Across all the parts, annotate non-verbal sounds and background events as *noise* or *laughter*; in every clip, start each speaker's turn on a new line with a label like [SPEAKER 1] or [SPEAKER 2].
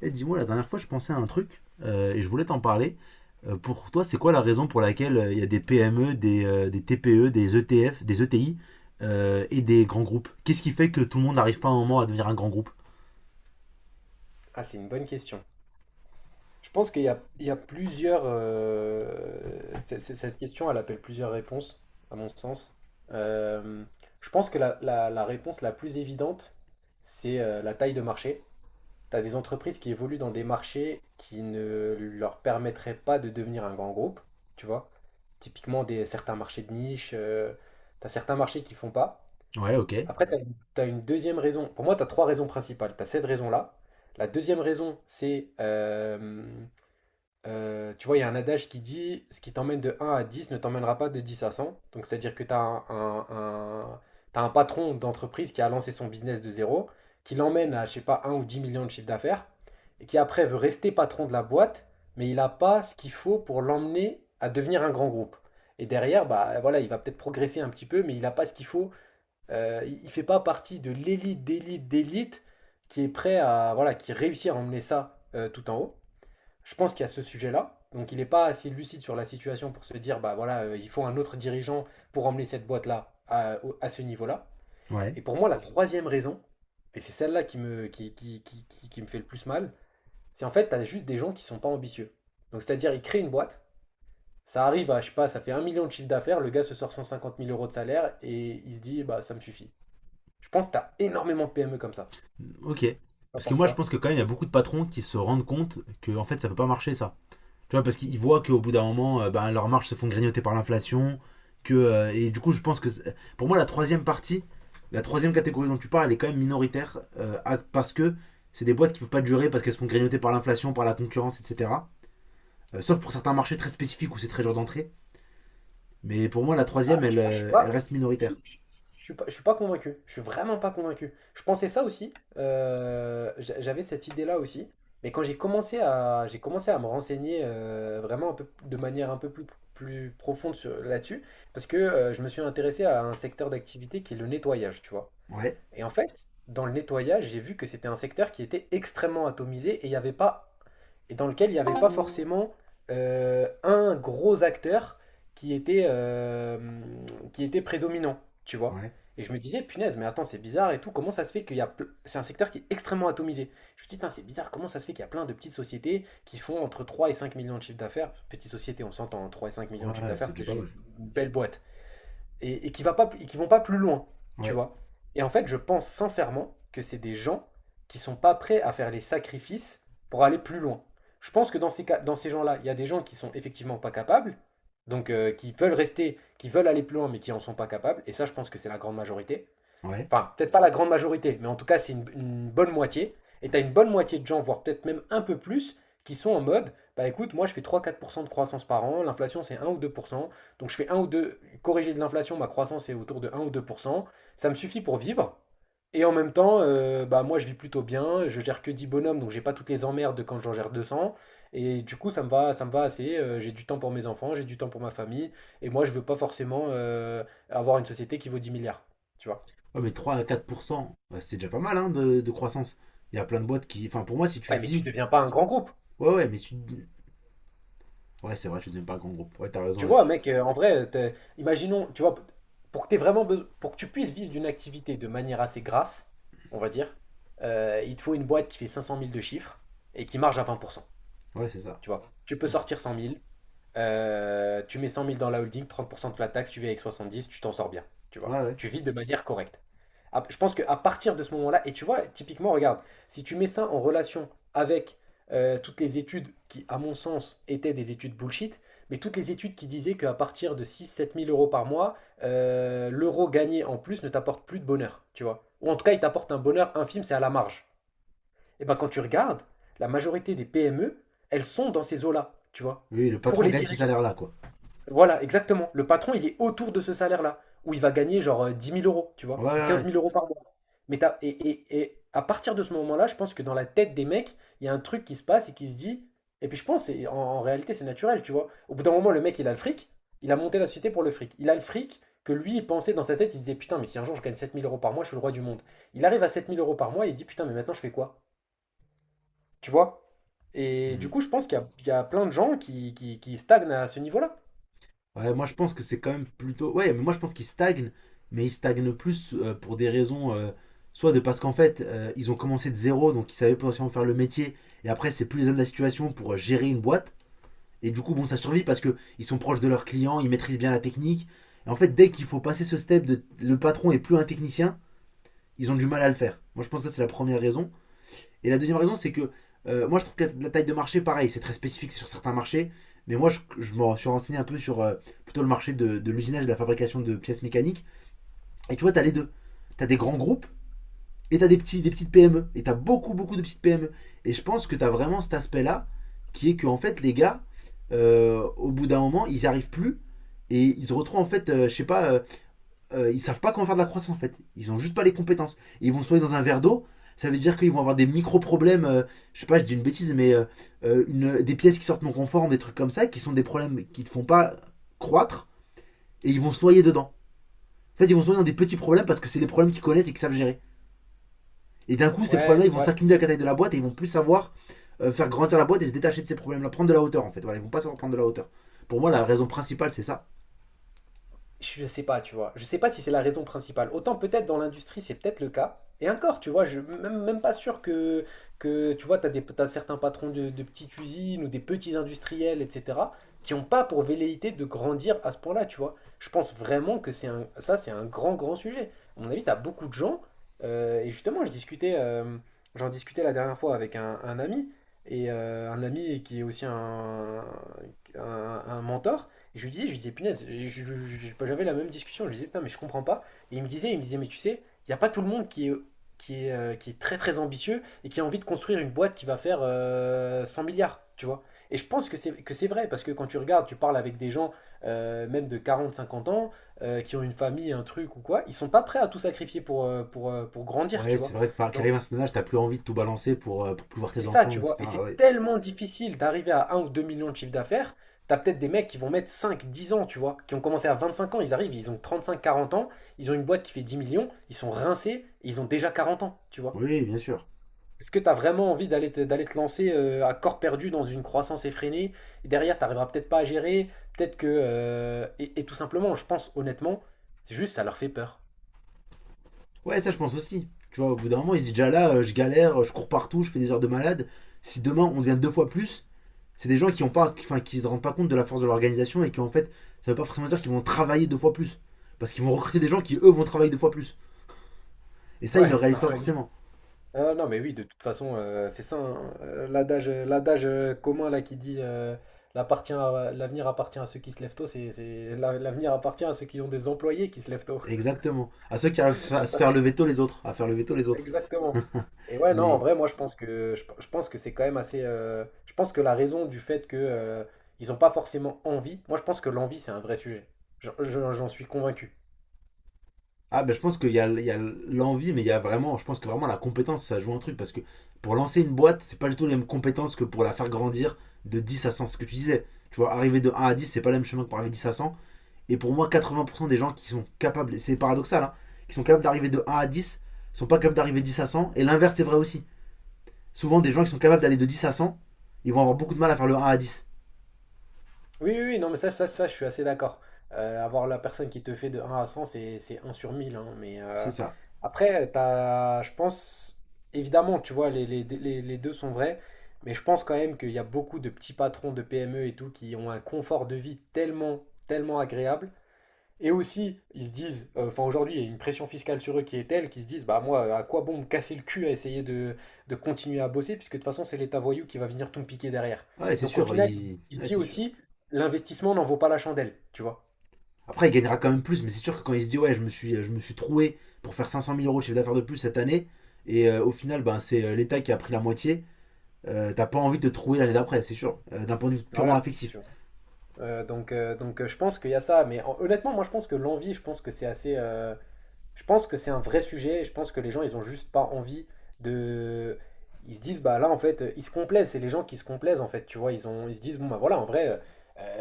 [SPEAKER 1] Eh, dis-moi, la dernière fois, je pensais à un truc et je voulais t'en parler. Pour toi, c'est quoi la raison pour laquelle il y a des PME, des TPE, des ETF, des ETI et des grands groupes. Qu'est-ce qui fait que tout le monde n'arrive pas à un moment à devenir un grand groupe?
[SPEAKER 2] Ah, c'est une bonne question. Je pense qu'il y a, il y a plusieurs, cette question, elle appelle plusieurs réponses, à mon sens. Euh, je pense que la réponse la plus évidente, c'est la taille de marché. Tu as des entreprises qui évoluent dans des marchés qui ne leur permettraient pas de devenir un grand groupe, tu vois. Typiquement, des, certains marchés de niche, tu as certains marchés qui font pas.
[SPEAKER 1] Ouais, ok.
[SPEAKER 2] Après, tu as, une t'as une deuxième raison. Pour moi, tu as trois raisons principales. Tu as cette raison-là. La deuxième raison, c'est, tu vois, il y a un adage qui dit, ce qui t'emmène de un à 10 ne t'emmènera pas de 10 à 100. Donc, c'est-à-dire que tu as t'as un patron d'entreprise qui a lancé son business de zéro, qui l'emmène à, je sais pas, un ou 10 millions de chiffre d'affaires, et qui après veut rester patron de la boîte, mais il n'a pas ce qu'il faut pour l'emmener à devenir un grand groupe. Et derrière, bah voilà, il va peut-être progresser un petit peu, mais il n'a pas ce qu'il faut il fait pas partie de l'élite d'élite d'élite qui est prêt à voilà qui réussit à emmener ça tout en haut. Je pense qu'il y a ce sujet-là. Donc il n'est pas assez lucide sur la situation pour se dire bah voilà il faut un autre dirigeant pour emmener cette boîte-là à ce niveau-là.
[SPEAKER 1] Ouais,
[SPEAKER 2] Et pour moi la troisième raison et c'est celle-là qui me fait le plus mal, c'est en fait tu as juste des gens qui ne sont pas ambitieux. Donc c'est-à-dire ils créent une boîte, ça arrive à je sais pas ça fait un million de chiffre d'affaires, le gars se sort 150 000 euros de salaire et il se dit bah ça me suffit. Je pense que tu as énormément de PME comme ça.
[SPEAKER 1] ok.
[SPEAKER 2] Tu
[SPEAKER 1] Parce que
[SPEAKER 2] penses
[SPEAKER 1] moi, je
[SPEAKER 2] quoi?
[SPEAKER 1] pense que quand même, il y a beaucoup de patrons qui se rendent compte que en fait, ça peut pas marcher ça. Tu vois, parce qu'ils voient qu'au bout d'un moment, ben, leurs marges se font grignoter par l'inflation. Et du coup, je pense que pour moi, la troisième partie, la troisième catégorie dont tu parles, elle est quand même minoritaire parce que c'est des boîtes qui ne peuvent pas durer parce qu'elles se font grignoter par l'inflation, par la concurrence, etc. Sauf pour certains marchés très spécifiques où c'est très dur d'entrer. Mais pour moi, la troisième, elle,
[SPEAKER 2] Moi,
[SPEAKER 1] elle reste
[SPEAKER 2] je,
[SPEAKER 1] minoritaire.
[SPEAKER 2] je- je suis pas convaincu. Je suis vraiment pas convaincu. Je pensais ça aussi. J'avais cette idée-là aussi. Mais quand j'ai commencé à me renseigner vraiment un peu, de manière un peu plus profonde là-dessus, parce que je me suis intéressé à un secteur d'activité qui est le nettoyage, tu vois.
[SPEAKER 1] Ouais,
[SPEAKER 2] Et en fait, dans le nettoyage, j'ai vu que c'était un secteur qui était extrêmement atomisé et dans lequel il n'y avait pas forcément un gros acteur qui était euh, qui était prédominant, tu vois.
[SPEAKER 1] ouais,
[SPEAKER 2] Et je me disais, punaise, mais attends, c'est bizarre et tout. Comment ça se fait qu'il y a. ple- C'est un secteur qui est extrêmement atomisé. Je me dis, putain, c'est bizarre. Comment ça se fait qu'il y a plein de petites sociétés qui font entre 3 et 5 millions de chiffres d'affaires? Petites sociétés, on s'entend, hein, 3 et 5 millions de chiffres
[SPEAKER 1] ouais,
[SPEAKER 2] d'affaires,
[SPEAKER 1] c'est
[SPEAKER 2] c'est
[SPEAKER 1] déjà
[SPEAKER 2] déjà
[SPEAKER 1] pas mal.
[SPEAKER 2] une belle boîte et qui va pas, et qui vont pas plus loin, tu
[SPEAKER 1] Ouais,
[SPEAKER 2] vois. Et en fait, je pense sincèrement que c'est des gens qui sont pas prêts à faire les sacrifices pour aller plus loin. Je pense que dans dans ces gens-là, il y a des gens qui sont effectivement pas capables, donc qui veulent rester, qui veulent aller plus loin, mais qui en sont pas capables. Et ça, je pense que c'est la grande majorité.
[SPEAKER 1] ouais.
[SPEAKER 2] Enfin, peut-être pas la grande majorité, mais en tout cas, c'est une bonne moitié. Et tu as une bonne moitié de gens, voire peut-être même un peu plus, qui sont en mode bah écoute, moi je fais trois à quatre pour cent de croissance par an, l'inflation c'est un ou 2%, donc je fais un ou 2 corrigé de l'inflation, ma croissance est autour de un ou 2%. Ça me suffit pour vivre, et en même temps, bah moi je vis plutôt bien, je gère que 10 bonhommes, donc j'ai pas toutes les emmerdes de quand j'en gère 200. Et du coup ça me va assez, j'ai du temps pour mes enfants, j'ai du temps pour ma famille, et moi je veux pas forcément avoir une société qui vaut 10 milliards, tu vois.
[SPEAKER 1] Ouais, mais trois à 4%, bah, c'est déjà pas mal hein, de croissance. Il y a plein de boîtes qui. Enfin, pour moi, si tu te
[SPEAKER 2] Ouais, mais tu
[SPEAKER 1] dis.
[SPEAKER 2] deviens pas un grand groupe.
[SPEAKER 1] Ouais, ouais, mais si tu. Ouais, c'est vrai, je suis devenu pas un grand groupe. Ouais, t'as raison
[SPEAKER 2] Tu vois,
[SPEAKER 1] là-dessus.
[SPEAKER 2] mec, en vrai, imaginons, tu vois, pour que t'aies vraiment beso- pour que tu puisses vivre d'une activité de manière assez grasse, on va dire, il te faut une boîte qui fait 500 000 de chiffres et qui marge à 20%.
[SPEAKER 1] Ouais, c'est ça.
[SPEAKER 2] Tu vois, tu peux
[SPEAKER 1] Mm.
[SPEAKER 2] sortir 100 000. Tu mets cent mille dans la holding, 30% de flat tax, tu vis avec 70, tu t'en sors bien, tu
[SPEAKER 1] Ouais,
[SPEAKER 2] vois.
[SPEAKER 1] ouais.
[SPEAKER 2] Tu vis de manière correcte. Je pense qu'à partir de ce moment-là, et tu vois, typiquement, regarde, si tu mets ça en relation avec toutes les études qui, à mon sens, étaient des études bullshit, mais toutes les études qui disaient qu'à partir de six, sept mille euros par mois, l'euro gagné en plus ne t'apporte plus de bonheur, tu vois. Ou en tout cas, il t'apporte un bonheur infime, c'est à la marge. Et ben quand tu regardes, la majorité des PME, elles sont dans ces eaux-là, tu vois,
[SPEAKER 1] Oui, le
[SPEAKER 2] pour
[SPEAKER 1] patron
[SPEAKER 2] les
[SPEAKER 1] gagne ce
[SPEAKER 2] dirigeants.
[SPEAKER 1] salaire-là, quoi.
[SPEAKER 2] Voilà, exactement. Le patron, il est autour de ce salaire-là, où il va gagner genre 10 000 euros, tu
[SPEAKER 1] Ouais,
[SPEAKER 2] vois,
[SPEAKER 1] ouais,
[SPEAKER 2] ou 15
[SPEAKER 1] ouais.
[SPEAKER 2] 000 euros par mois. Et à partir de ce moment-là, je pense que dans la tête des mecs, il y a un truc qui se passe et qui se dit. Et puis je pense, et en réalité, c'est naturel, tu vois. Au bout d'un moment, le mec, il a le fric, il a monté la société pour le fric. Il a le fric que lui, il pensait dans sa tête, il se disait, putain, mais si un jour je gagne sept mille euros par mois, je suis le roi du monde. Il arrive à sept mille euros par mois, il se dit, putain, mais maintenant, je fais quoi? Tu vois? Et du
[SPEAKER 1] Mm.
[SPEAKER 2] coup, je pense qu'il y, a il y a plein de gens qui stagnent à ce niveau-là.
[SPEAKER 1] Ouais, moi je pense que c'est quand même plutôt. Ouais, mais moi je pense qu'ils stagnent, mais ils stagnent plus pour des raisons. Soit de parce qu'en fait, ils ont commencé de zéro, donc ils savaient potentiellement faire le métier, et après, c'est plus les hommes de la situation pour gérer une boîte. Et du coup, bon, ça survit parce que ils sont proches de leurs clients, ils maîtrisent bien la technique. Et en fait, dès qu'il faut passer ce step de le patron est plus un technicien, ils ont du mal à le faire. Moi je pense que ça, c'est la première raison. Et la deuxième raison, c'est que moi, je trouve que la taille de marché, pareil, c'est très spécifique, c'est sur certains marchés. Mais moi, je me suis renseigné un peu sur plutôt le marché de l'usinage et de la fabrication de pièces mécaniques. Et tu vois, t'as les deux. T'as des grands groupes et t'as des petites PME. Et t'as beaucoup de petites PME. Et je pense que t'as vraiment cet aspect-là qui est que, en fait, les gars, au bout d'un moment, ils n'y arrivent plus. Et ils se retrouvent, en fait, je sais pas, ils savent pas comment faire de la croissance en fait. Ils ont juste pas les compétences. Et ils vont se noyer dans un verre d'eau. Ça veut dire qu'ils vont avoir des micro-problèmes. Je sais pas, je dis une bêtise, mais des pièces qui sortent non conformes, des trucs comme ça, qui sont des problèmes qui ne font pas croître. Et ils vont se noyer dedans. En fait, ils vont se noyer dans des petits problèmes parce que c'est les problèmes qu'ils connaissent et qu'ils savent gérer. Et d'un coup, ces problèmes-là,
[SPEAKER 2] Ouais,
[SPEAKER 1] ils vont
[SPEAKER 2] ouais.
[SPEAKER 1] s'accumuler à la taille de la boîte et ils vont plus savoir faire grandir la boîte et se détacher de ces problèmes-là. Prendre de la hauteur en fait. Voilà, ils vont pas savoir prendre de la hauteur. Pour moi, la raison principale, c'est ça.
[SPEAKER 2] Je sais pas, tu vois. Je sais pas si c'est la raison principale. Autant peut-être dans l'industrie, c'est peut-être le cas. Et encore, tu vois, même pas sûr que tu vois, t'as certains patrons de petites usines ou des petits industriels, etc., qui ont pas pour velléité de grandir à ce point-là, tu vois. Je pense vraiment que c'est un grand, grand sujet. À mon avis, t'as beaucoup de gens, et justement, j'en discutais la dernière fois avec un ami, et un ami qui est aussi un, un mentor, et je lui disais, punaise, j'avais la même discussion, je lui disais, putain, mais je comprends pas. Et il me disait, mais tu sais, il n'y a pas tout le monde qui est très très ambitieux et qui a envie de construire une boîte qui va faire 100 milliards, tu vois. Et je pense que c'est vrai, parce que quand tu regardes, tu parles avec des gens, même de quarante cinquante ans, qui ont une famille, un truc ou quoi, ils sont pas prêts à tout sacrifier pour, pour grandir,
[SPEAKER 1] Ouais,
[SPEAKER 2] tu vois.
[SPEAKER 1] c'est vrai que par qu'arrive
[SPEAKER 2] Donc,
[SPEAKER 1] un certain âge, t'as plus envie de tout balancer pour plus voir tes
[SPEAKER 2] c'est ça,
[SPEAKER 1] enfants,
[SPEAKER 2] tu vois. Et
[SPEAKER 1] etc. Ah
[SPEAKER 2] c'est
[SPEAKER 1] ouais.
[SPEAKER 2] tellement difficile d'arriver à un ou 2 millions de chiffre d'affaires. T'as peut-être des mecs qui vont mettre 5, 10 ans, tu vois, qui ont commencé à 25 ans, ils arrivent, ils ont trente-cinq, quarante ans, ils ont une boîte qui fait 10 millions, ils sont rincés, et ils ont déjà 40 ans, tu vois.
[SPEAKER 1] Oui, bien sûr.
[SPEAKER 2] Est-ce que t'as vraiment envie d'aller te lancer à corps perdu dans une croissance effrénée et derrière, t'arriveras peut-être pas à gérer, peut-être que, et tout simplement, je pense honnêtement, c'est juste ça leur fait peur.
[SPEAKER 1] Ouais, ça je pense aussi. Tu vois, au bout d'un moment, il se dit déjà là, je galère, je cours partout, je fais des heures de malade. Si demain on devient deux fois plus, c'est des gens qui ont pas, enfin, qui se rendent pas compte de la force de l'organisation et qui en fait, ça veut pas forcément dire qu'ils vont travailler deux fois plus, parce qu'ils vont recruter des gens qui eux vont travailler deux fois plus. Et ça, ils le
[SPEAKER 2] Ouais, *laughs*
[SPEAKER 1] réalisent pas
[SPEAKER 2] oui.
[SPEAKER 1] forcément.
[SPEAKER 2] Ah, non, mais oui, de toute façon, c'est ça, hein, l'adage commun là qui dit l'avenir appartient à ceux qui se lèvent tôt, l'avenir appartient à ceux qui ont des employés qui se lèvent tôt.
[SPEAKER 1] Exactement. À ceux qui arrivent
[SPEAKER 2] *laughs* C'est
[SPEAKER 1] à se
[SPEAKER 2] ça.
[SPEAKER 1] faire lever tôt les autres, à faire lever tôt les autres.
[SPEAKER 2] Exactement. Et ouais, non, en
[SPEAKER 1] Mais.
[SPEAKER 2] vrai, moi, je pense que c'est quand même assez. Je pense que la raison du fait que ils n'ont pas forcément envie, moi, je pense que l'envie, c'est un vrai sujet. J'en suis convaincu.
[SPEAKER 1] Ah ben je pense qu'il y a, il y a l'envie, mais il y a vraiment, je pense que vraiment la compétence, ça joue un truc, parce que pour lancer une boîte, c'est pas du tout les mêmes compétences que pour la faire grandir de 10 à 100, ce que tu disais. Tu vois, arriver de 1 à 10, c'est pas le même chemin que pour arriver de 10 à 100. Et pour moi, 80% des gens qui sont capables, et c'est paradoxal, hein, qui sont capables d'arriver de 1 à 10, sont pas capables d'arriver de 10 à 100, et l'inverse c'est vrai aussi. Souvent, des gens qui sont capables d'aller de 10 à 100, ils vont avoir beaucoup de mal à faire le 1 à 10.
[SPEAKER 2] Oui, non, mais ça, je suis assez d'accord. Avoir la personne qui te fait de un à 100 c'est un sur 1000 hein, mais
[SPEAKER 1] C'est ça.
[SPEAKER 2] après, t'as, je pense, évidemment, tu vois, les deux sont vrais. Mais je pense quand même qu'il y a beaucoup de petits patrons de PME et tout qui ont un confort de vie tellement, tellement agréable et aussi, ils se disent, enfin aujourd'hui, il y a une pression fiscale sur eux qui est telle qu'ils se disent, bah moi, à quoi bon me casser le cul à essayer de continuer à bosser, puisque de toute façon, c'est l'État voyou qui va venir tout me piquer derrière.
[SPEAKER 1] Ouais, c'est
[SPEAKER 2] Donc au
[SPEAKER 1] sûr,
[SPEAKER 2] final, il se
[SPEAKER 1] ouais,
[SPEAKER 2] dit
[SPEAKER 1] c'est sûr.
[SPEAKER 2] aussi, l'investissement n'en vaut pas la chandelle, tu vois.
[SPEAKER 1] Après, il gagnera quand même plus, mais c'est sûr que quand il se dit ouais, je me suis troué pour faire 500 000 euros de chiffre d'affaires de plus cette année, et au final, ben, c'est l'État qui a pris la moitié, t'as pas envie de te trouver l'année d'après, c'est sûr, d'un point de vue purement
[SPEAKER 2] Voilà.
[SPEAKER 1] affectif.
[SPEAKER 2] Je pense qu'il y a ça. Honnêtement, moi, je pense que l'envie, je pense que c'est assez. Je pense que c'est un vrai sujet. Je pense que les gens, ils ont juste pas envie de. Ils se disent, bah là, en fait, ils se complaisent. C'est les gens qui se complaisent, en fait. Tu vois, ils se disent, bon, bah voilà, en vrai, euh,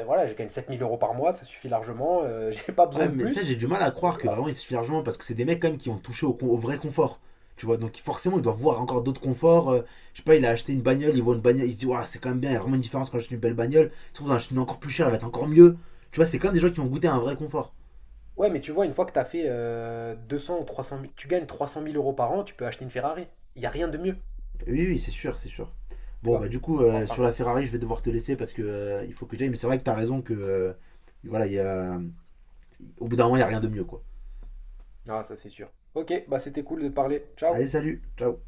[SPEAKER 2] euh, voilà, je gagne 7000 € par mois, ça suffit largement, *laughs* j'ai pas besoin
[SPEAKER 1] Ouais,
[SPEAKER 2] de
[SPEAKER 1] mais ça,
[SPEAKER 2] plus.
[SPEAKER 1] j'ai du mal à
[SPEAKER 2] Et
[SPEAKER 1] croire que
[SPEAKER 2] voilà.
[SPEAKER 1] vraiment il suffit largement, parce que c'est des mecs quand même qui ont touché au vrai confort. Tu vois, donc forcément, il doit voir encore d'autres conforts. Je sais pas, il a acheté une bagnole, il voit une bagnole, il se dit, ouah, c'est quand même bien, il y a vraiment une différence quand j'achète une belle bagnole. Il se trouve, j'en achète une encore plus chère, elle va être encore mieux. Tu vois, c'est quand même des gens qui ont goûté à un vrai confort.
[SPEAKER 2] Ouais, mais tu vois, une fois que t'as fait 200 ou 300 000, tu gagnes trois cent mille euros par an, tu peux acheter une Ferrari. Il y a rien de mieux,
[SPEAKER 1] Oui, oui, c'est sûr, c'est sûr.
[SPEAKER 2] tu
[SPEAKER 1] Bon, bah,
[SPEAKER 2] vois.
[SPEAKER 1] du coup, sur
[SPEAKER 2] Enfin,
[SPEAKER 1] la Ferrari, je vais devoir te laisser parce que il faut que j'aille. Mais c'est vrai que t'as raison que, voilà, il y a, au bout d'un moment, il n'y a rien de mieux, quoi.
[SPEAKER 2] ah, ça, c'est sûr. Ok, bah c'était cool de te parler. Ciao!
[SPEAKER 1] Allez, salut, ciao.